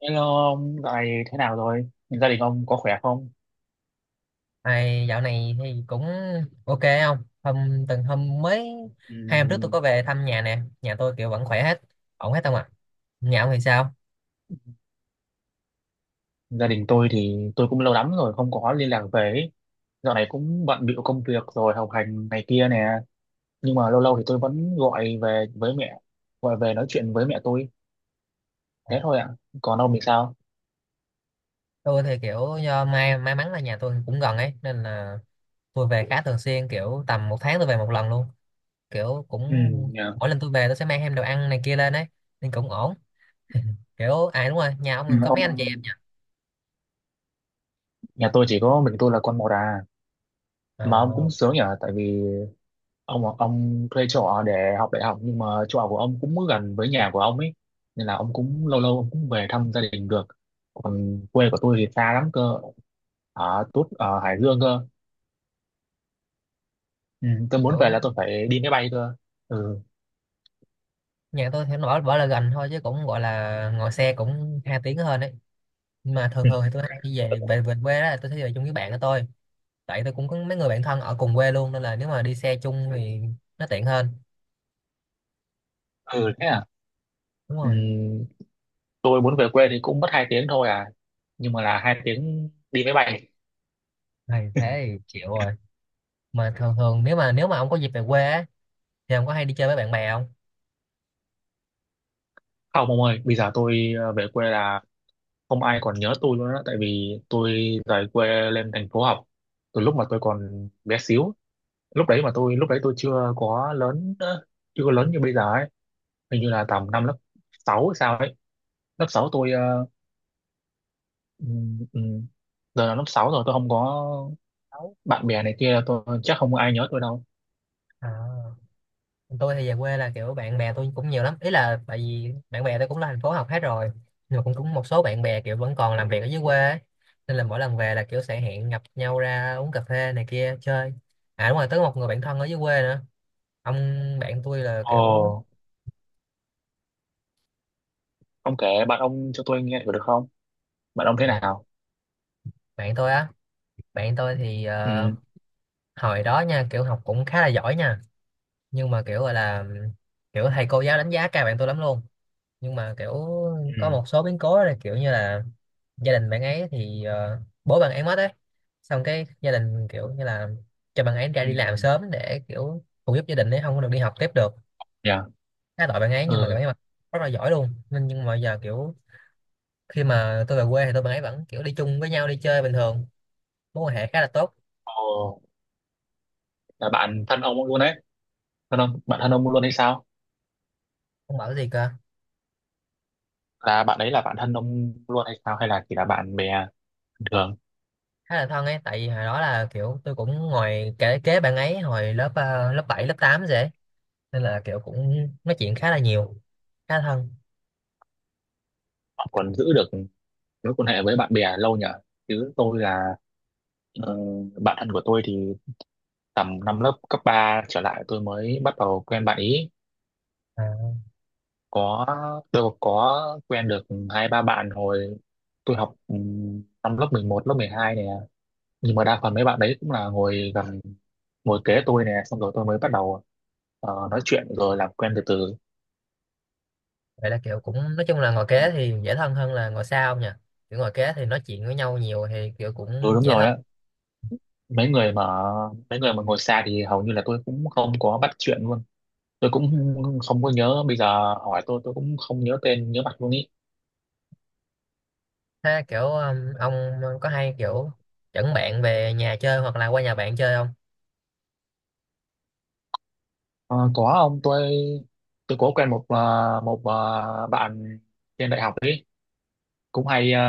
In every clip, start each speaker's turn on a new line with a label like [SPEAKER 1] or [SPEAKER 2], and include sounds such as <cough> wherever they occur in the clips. [SPEAKER 1] Hello ông, dạo này thế nào rồi? Gia đình ông có khỏe không?
[SPEAKER 2] Này, dạo này thì cũng ok không? Hôm từng hôm mới Hai hôm trước tôi có
[SPEAKER 1] Ừm,
[SPEAKER 2] về thăm nhà nè, nhà tôi kiểu vẫn khỏe hết, ổn hết không ạ? Nhà ông thì sao?
[SPEAKER 1] Gia đình tôi thì tôi cũng lâu lắm rồi không có liên lạc về ấy. Dạo này cũng bận bịu công việc rồi học hành này kia nè. Nhưng mà lâu lâu thì tôi vẫn gọi về với mẹ, gọi về nói chuyện với mẹ tôi.
[SPEAKER 2] Ờ,
[SPEAKER 1] Thế thôi ạ. Còn ông thì sao?
[SPEAKER 2] tôi thì kiểu do may mắn là nhà tôi cũng gần ấy nên là tôi về khá thường xuyên, kiểu tầm một tháng tôi về một lần luôn. Kiểu cũng
[SPEAKER 1] Ừ, nhà,
[SPEAKER 2] mỗi lần tôi về tôi sẽ mang thêm đồ ăn này kia lên ấy nên cũng ổn. Kiểu à đúng rồi, nhà ông
[SPEAKER 1] ừ,
[SPEAKER 2] mình có mấy
[SPEAKER 1] ông,
[SPEAKER 2] anh chị em nhỉ?
[SPEAKER 1] nhà tôi chỉ có mình tôi là con một à. Mà ông
[SPEAKER 2] Ờ,
[SPEAKER 1] cũng sướng nhỉ? Tại vì ông thuê chỗ ở để học đại học nhưng mà chỗ ở của ông cũng gần với nhà của ông ấy nên là ông cũng lâu lâu ông cũng về thăm gia đình được, còn quê của tôi thì xa lắm cơ, ở Tút ở Hải Dương cơ. Ừ, tôi muốn về
[SPEAKER 2] kiểu
[SPEAKER 1] là tôi phải đi máy bay cơ. Ừ.
[SPEAKER 2] nhà tôi thì nó bảo bảo là gần thôi chứ cũng gọi là ngồi xe cũng hai tiếng hơn ấy, nhưng mà thường thường thì tôi hay đi về về về quê, đó là tôi sẽ về chung với bạn của tôi, tại tôi cũng có mấy người bạn thân ở cùng quê luôn, nên là nếu mà đi xe chung thì nó tiện hơn.
[SPEAKER 1] Ừ thế à.
[SPEAKER 2] Đúng
[SPEAKER 1] Ừ,
[SPEAKER 2] rồi,
[SPEAKER 1] tôi muốn về quê thì cũng mất hai tiếng thôi à, nhưng mà là hai tiếng đi máy bay.
[SPEAKER 2] này thế thì chịu rồi. Mà thường thường, nếu mà ông có dịp về quê á, thì ông có hay đi chơi với bạn bè không?
[SPEAKER 1] Không ông ơi, bây giờ tôi về quê là không ai còn nhớ tôi luôn á, tại vì tôi rời quê lên thành phố học từ lúc mà tôi còn bé xíu. Lúc đấy mà tôi lúc đấy tôi chưa có lớn, chưa có lớn như bây giờ ấy. Hình như là tầm năm lớp 6 hay sao ấy. Lớp 6 tôi ừm, ừm, giờ là lớp 6 rồi tôi không có
[SPEAKER 2] Đâu.
[SPEAKER 1] bạn bè này kia, tôi chắc không có ai nhớ tôi đâu.
[SPEAKER 2] À, tôi thì về quê là kiểu bạn bè tôi cũng nhiều lắm, ý là tại vì bạn bè tôi cũng là thành phố học hết rồi, nhưng mà cũng cũng một số bạn bè kiểu vẫn còn làm việc ở dưới quê ấy. Nên là mỗi lần về là kiểu sẽ hẹn gặp nhau ra uống cà phê này kia chơi. À đúng rồi, tới một người bạn thân ở dưới quê nữa. Ông, bạn tôi là kiểu,
[SPEAKER 1] Ồ, ông kể bạn ông cho tôi nghe thử được không? Bạn ông thế
[SPEAKER 2] à,
[SPEAKER 1] nào?
[SPEAKER 2] bạn tôi á bạn tôi thì
[SPEAKER 1] Ừ.
[SPEAKER 2] hồi đó nha, kiểu học cũng khá là giỏi nha, nhưng mà kiểu gọi là, kiểu thầy cô giáo đánh giá cao bạn tôi lắm luôn, nhưng mà kiểu có
[SPEAKER 1] Ừ.
[SPEAKER 2] một số biến cố là kiểu như là gia đình bạn ấy thì bố bạn ấy mất ấy, xong cái gia đình kiểu như là cho bạn ấy ra
[SPEAKER 1] Ừ.
[SPEAKER 2] đi làm sớm để kiểu phụ giúp gia đình ấy, không có được đi học tiếp được.
[SPEAKER 1] Dạ.
[SPEAKER 2] Khá tội bạn ấy, nhưng mà bạn
[SPEAKER 1] Ừ.
[SPEAKER 2] ấy mà rất là giỏi luôn, nên nhưng mà giờ kiểu khi mà tôi về quê thì tôi bạn ấy vẫn kiểu đi chung với nhau đi chơi bình thường, mối quan hệ khá là tốt.
[SPEAKER 1] Ồ, là bạn thân ông luôn đấy? Thân ông, bạn thân ông luôn hay sao?
[SPEAKER 2] Ông bảo cái gì cơ?
[SPEAKER 1] Là bạn đấy là bạn thân ông luôn hay sao, hay là chỉ là bạn bè bình thường?
[SPEAKER 2] Khá là thân ấy, tại vì hồi đó là kiểu tôi cũng ngồi kế bạn ấy hồi lớp, lớp 7 lớp 8 dễ, nên là kiểu cũng nói chuyện khá là nhiều, khá là thân.
[SPEAKER 1] Bạn còn giữ được mối quan hệ với bạn bè lâu nhở. Chứ tôi là, ờ, bạn thân của tôi thì tầm năm lớp cấp 3 trở lại tôi mới bắt đầu quen bạn ý.
[SPEAKER 2] À,
[SPEAKER 1] Có, tôi có quen được hai ba bạn hồi tôi học năm lớp 11 lớp 12 nè. Nhưng mà đa phần mấy bạn đấy cũng là ngồi gần, ngồi kế tôi nè, xong rồi tôi mới bắt đầu nói chuyện rồi làm quen từ từ.
[SPEAKER 2] vậy là kiểu cũng nói chung là ngồi
[SPEAKER 1] Ừ.
[SPEAKER 2] kế thì dễ thân hơn là ngồi xa ông nhỉ, kiểu ngồi kế thì nói chuyện với nhau nhiều thì kiểu
[SPEAKER 1] Ừ,
[SPEAKER 2] cũng
[SPEAKER 1] đúng
[SPEAKER 2] dễ
[SPEAKER 1] rồi
[SPEAKER 2] thân.
[SPEAKER 1] á. Mấy người mà, mấy người mà ngồi xa thì hầu như là tôi cũng không có bắt chuyện luôn. Tôi cũng không có nhớ, bây giờ hỏi tôi cũng không nhớ tên nhớ mặt luôn ý.
[SPEAKER 2] Thế kiểu ông có hay kiểu dẫn bạn về nhà chơi hoặc là qua nhà bạn chơi không?
[SPEAKER 1] Ờ, có ông, tôi có quen một một bạn trên đại học ấy, cũng hay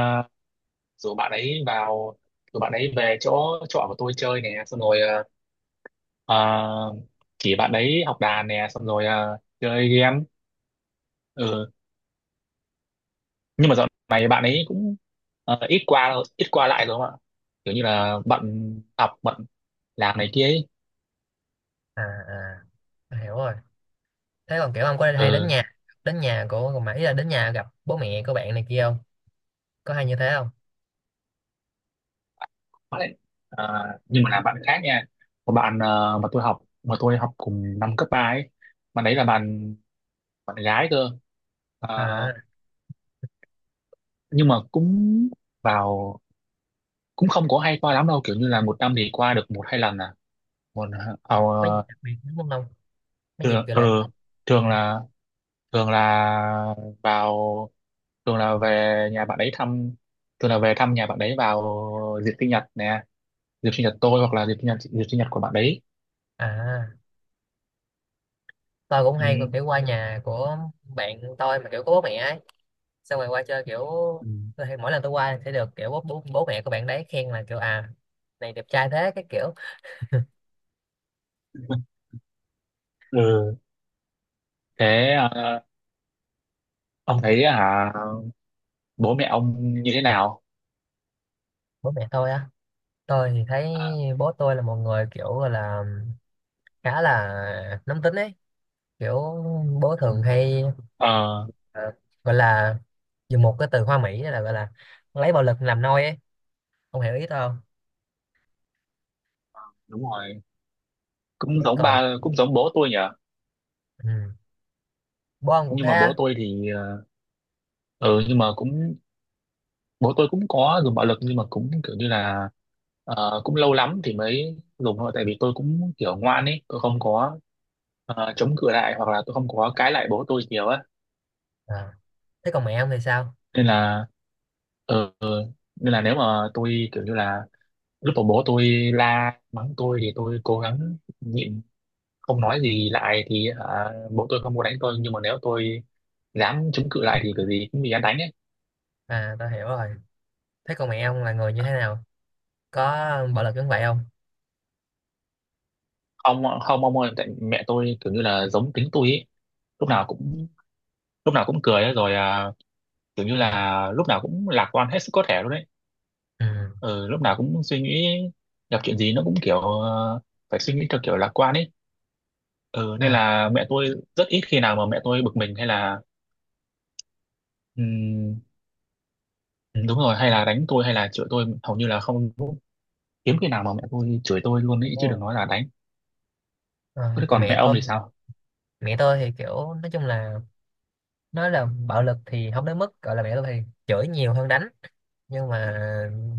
[SPEAKER 1] rủ bạn ấy vào, rủ bạn ấy về chỗ trọ của tôi chơi nè, xong rồi ờ, chỉ bạn ấy học đàn nè, xong rồi chơi game. Ừ. Nhưng mà dạo này bạn ấy cũng ít qua lại rồi không ạ, kiểu như là bận học bận làm này kia ấy.
[SPEAKER 2] À, à tôi hiểu rồi. Thế còn kiểu ông có hay đến
[SPEAKER 1] Ừ.
[SPEAKER 2] nhà, đến nhà của, mà ý là đến nhà gặp bố mẹ của bạn này kia không, có hay như thế không?
[SPEAKER 1] Đấy. À, nhưng mà là bạn khác nha. Một bạn mà tôi học cùng năm cấp 3 ấy. Bạn đấy là bạn, bạn gái cơ. À,
[SPEAKER 2] À
[SPEAKER 1] nhưng mà cũng vào, cũng không có hay qua lắm đâu, kiểu như là một năm thì qua được một hai lần à. Còn ờ,
[SPEAKER 2] mấy dịp đặc biệt đúng không, mấy dịp
[SPEAKER 1] thường
[SPEAKER 2] kiểu
[SPEAKER 1] ờ,
[SPEAKER 2] lễ Tết.
[SPEAKER 1] thường là, thường là vào, thường là về nhà bạn ấy thăm, thường là về thăm nhà bạn ấy vào dịp sinh nhật nè, dịp sinh nhật tôi hoặc là dịp sinh nhật của bạn đấy.
[SPEAKER 2] À tôi cũng
[SPEAKER 1] Ừ.
[SPEAKER 2] hay kiểu qua nhà của bạn tôi mà kiểu có bố mẹ ấy, xong rồi qua chơi kiểu,
[SPEAKER 1] Ừ.
[SPEAKER 2] mỗi lần tôi qua sẽ được kiểu bố mẹ của bạn đấy khen là kiểu à này đẹp trai thế cái kiểu.
[SPEAKER 1] Ừ. Thế ông thấy hả, bố mẹ ông như thế nào?
[SPEAKER 2] Bố mẹ tôi á, tôi thì thấy
[SPEAKER 1] À.
[SPEAKER 2] bố tôi là một người kiểu gọi là khá là nóng tính ấy, kiểu bố
[SPEAKER 1] Ừ.
[SPEAKER 2] thường hay
[SPEAKER 1] Ờ
[SPEAKER 2] ờ, gọi là, dùng một cái từ hoa mỹ là gọi là lấy bạo lực làm nôi ấy, ông hiểu ý tôi không?
[SPEAKER 1] đúng rồi, cũng
[SPEAKER 2] Thế
[SPEAKER 1] giống
[SPEAKER 2] còn
[SPEAKER 1] ba cũng giống bố tôi nhỉ.
[SPEAKER 2] ừ. Bon cũng
[SPEAKER 1] Nhưng
[SPEAKER 2] thế
[SPEAKER 1] mà
[SPEAKER 2] á?
[SPEAKER 1] bố tôi thì ờ, ừ, nhưng mà cũng, bố tôi cũng có dùng bạo lực nhưng mà cũng kiểu như là cũng lâu lắm thì mới dùng thôi, tại vì tôi cũng kiểu ngoan ấy, tôi không có chống cự lại hoặc là tôi không có cãi lại bố tôi nhiều á.
[SPEAKER 2] À. Thế còn mẹ ông thì sao?
[SPEAKER 1] Nên là, ừ, nên là nếu mà tôi kiểu như là lúc mà bố tôi la mắng tôi thì tôi cố gắng nhịn, không nói gì lại thì hả, bố tôi không muốn đánh tôi, nhưng mà nếu tôi dám chống cự lại thì kiểu gì cũng bị hắn đánh ấy.
[SPEAKER 2] À tao hiểu rồi. Thế còn mẹ ông là người như thế nào? Có bạo lực giống vậy không?
[SPEAKER 1] Không không ông ơi, tại mẹ tôi kiểu như là giống tính tôi ấy, lúc nào cũng, lúc nào cũng cười ấy, rồi à, kiểu như là lúc nào cũng lạc quan hết sức có thể luôn đấy.
[SPEAKER 2] Ừ.
[SPEAKER 1] Ừ, lúc nào cũng suy nghĩ, gặp chuyện gì nó cũng kiểu phải suy nghĩ theo kiểu lạc quan ấy. Ừ, nên
[SPEAKER 2] À,
[SPEAKER 1] là mẹ tôi rất ít khi nào mà mẹ tôi bực mình hay là ừm, đúng rồi, hay là đánh tôi hay là chửi tôi hầu như là không, hiếm khi nào mà mẹ tôi chửi tôi luôn
[SPEAKER 2] đúng
[SPEAKER 1] ấy chứ đừng
[SPEAKER 2] rồi.
[SPEAKER 1] nói là đánh. Thế
[SPEAKER 2] Ờ, còn
[SPEAKER 1] còn mẹ
[SPEAKER 2] mẹ
[SPEAKER 1] ông
[SPEAKER 2] tôi
[SPEAKER 1] thì sao?
[SPEAKER 2] mẹ tôi thì kiểu nói chung là, nói là bạo lực thì không đến mức gọi là, mẹ tôi thì chửi nhiều hơn đánh, nhưng mà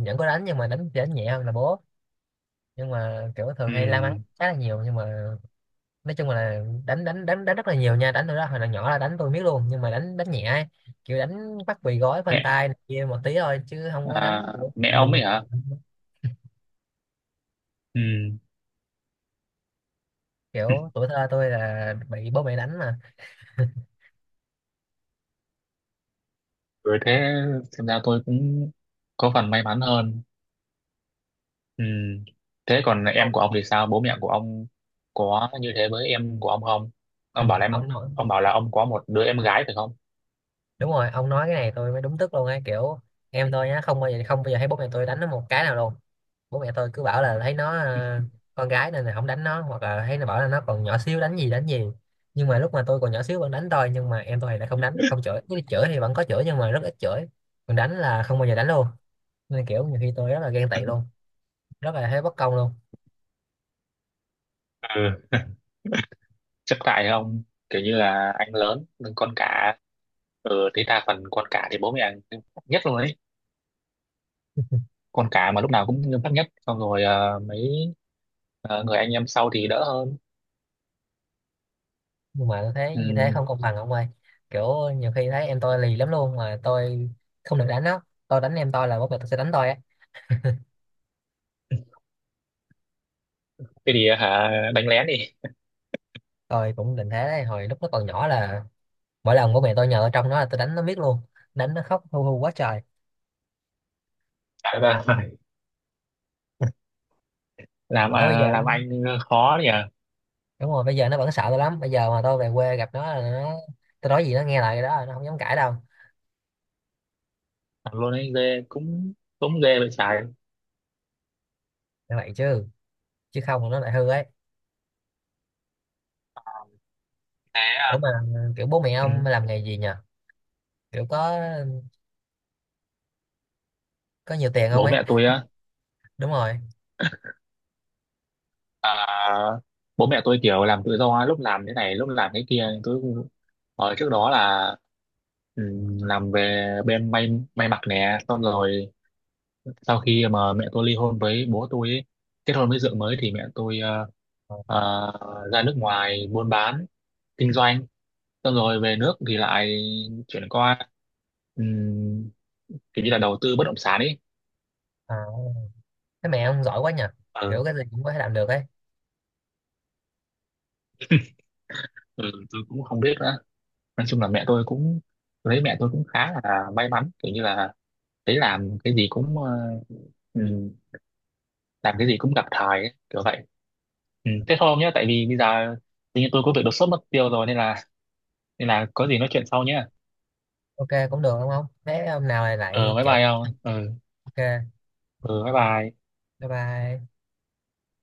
[SPEAKER 2] vẫn có đánh, nhưng mà đánh đánh nhẹ hơn là bố, nhưng mà kiểu thường hay la mắng
[SPEAKER 1] Ừm,
[SPEAKER 2] khá là nhiều, nhưng mà nói chung là đánh đánh đánh đánh rất là nhiều nha, đánh tôi đó hồi là nhỏ là đánh tôi biết luôn, nhưng mà đánh đánh nhẹ ấy. Kiểu đánh bắt bị gói phanh
[SPEAKER 1] Mẹ
[SPEAKER 2] tay này kia một tí thôi chứ không có
[SPEAKER 1] à,
[SPEAKER 2] đánh kiểu
[SPEAKER 1] mẹ
[SPEAKER 2] đùng
[SPEAKER 1] ông
[SPEAKER 2] đùng
[SPEAKER 1] ấy
[SPEAKER 2] đùng
[SPEAKER 1] hả?
[SPEAKER 2] đùng.
[SPEAKER 1] Ừ.
[SPEAKER 2] Kiểu tuổi thơ tôi là bị bố mẹ đánh mà
[SPEAKER 1] Rồi thế, xem ra tôi cũng có phần may mắn hơn. Ừm, Thế còn em
[SPEAKER 2] ông.
[SPEAKER 1] của ông thì sao? Bố mẹ của ông có như thế với em của ông không?
[SPEAKER 2] Ừ,
[SPEAKER 1] Ông bảo là em,
[SPEAKER 2] ông nói
[SPEAKER 1] ông bảo là ông có một đứa em gái phải không?
[SPEAKER 2] đúng rồi, ông nói cái này tôi mới đúng tức luôn ấy kiểu, em tôi nhá, không bao giờ không bao giờ thấy bố mẹ tôi đánh nó một cái nào luôn. Bố mẹ tôi cứ bảo là thấy nó con gái nên là không đánh nó, hoặc là thấy nó bảo là nó còn nhỏ xíu đánh gì đánh gì, nhưng mà lúc mà tôi còn nhỏ xíu vẫn đánh tôi, nhưng mà em tôi thì lại không đánh không
[SPEAKER 1] <laughs>
[SPEAKER 2] chửi, chứ chửi thì vẫn có chửi nhưng mà rất ít chửi, còn đánh là không bao giờ đánh luôn. Nên kiểu nhiều khi tôi rất là ghen tị luôn, rất là thấy bất công luôn.
[SPEAKER 1] Ừ. Chấp tại không? Kiểu như là anh lớn nhưng con cả, ừ, thế đa phần con cả thì bố mẹ nghiêm khắc nhất luôn ấy. Con cả mà lúc nào cũng nghiêm khắc nhất, xong rồi mấy người anh em sau thì đỡ hơn.
[SPEAKER 2] Nhưng mà tôi thấy
[SPEAKER 1] Ừ.
[SPEAKER 2] như thế không công bằng ông ơi, kiểu nhiều khi thấy em tôi lì lắm luôn mà tôi không được đánh nó, tôi đánh em tôi là bố mẹ tôi sẽ đánh tôi á.
[SPEAKER 1] Thế thì hả, đánh lén đi.
[SPEAKER 2] Tôi cũng định thế đấy, hồi lúc nó còn nhỏ là mỗi lần bố mẹ tôi nhờ tôi trông nó là tôi đánh nó miết luôn, đánh nó khóc hu hu quá trời.
[SPEAKER 1] Thế là <laughs> làm
[SPEAKER 2] Bởi bây
[SPEAKER 1] à,
[SPEAKER 2] giờ
[SPEAKER 1] làm anh khó nhỉ.
[SPEAKER 2] đúng rồi bây giờ nó vẫn sợ tôi lắm, bây giờ mà tôi về quê gặp nó là nó, tôi nói gì nó nghe lại cái đó, nó không dám cãi đâu.
[SPEAKER 1] Làm luôn anh ghê, cũng cũng ghê vậy trái.
[SPEAKER 2] Như vậy chứ chứ không là nó lại hư ấy.
[SPEAKER 1] Thế à.
[SPEAKER 2] Ủa mà kiểu bố mẹ
[SPEAKER 1] Ừ.
[SPEAKER 2] ông làm nghề gì nhờ, kiểu có nhiều tiền không
[SPEAKER 1] Bố
[SPEAKER 2] ấy?
[SPEAKER 1] mẹ tôi á?
[SPEAKER 2] Đúng rồi.
[SPEAKER 1] À, bố mẹ tôi kiểu làm tự do, lúc làm thế này lúc làm thế kia. Tôi, ở trước đó là, ừ, làm về bên may, may mặc nè, xong rồi sau khi mà mẹ tôi ly hôn với bố tôi ấy, kết hôn với vợ mới thì mẹ tôi ra nước ngoài buôn bán, kinh doanh, xong rồi về nước thì lại chuyển qua um, kiểu như là đầu tư bất động sản ấy.
[SPEAKER 2] À, thế mẹ ông giỏi quá nhờ,
[SPEAKER 1] Ừ.
[SPEAKER 2] kiểu cái gì cũng có thể làm được ấy.
[SPEAKER 1] Ừ, tôi cũng không biết nữa, nói chung là mẹ tôi cũng, lấy mẹ tôi cũng khá là may mắn, kiểu như là thấy làm cái gì cũng ừm, làm cái gì cũng gặp thời ấy, kiểu vậy. Ừ, thế thôi ông nhé, tại vì bây giờ tự nhiên tôi có việc đột xuất mất tiêu rồi, nên là, nên là có gì nói chuyện sau nhé.
[SPEAKER 2] Ok cũng được đúng không, thế hôm nào lại
[SPEAKER 1] Ờ
[SPEAKER 2] lại
[SPEAKER 1] bye
[SPEAKER 2] kể
[SPEAKER 1] bye
[SPEAKER 2] tiếp.
[SPEAKER 1] ông. Ừ,
[SPEAKER 2] Ok
[SPEAKER 1] ừ bye bye.
[SPEAKER 2] bye bye.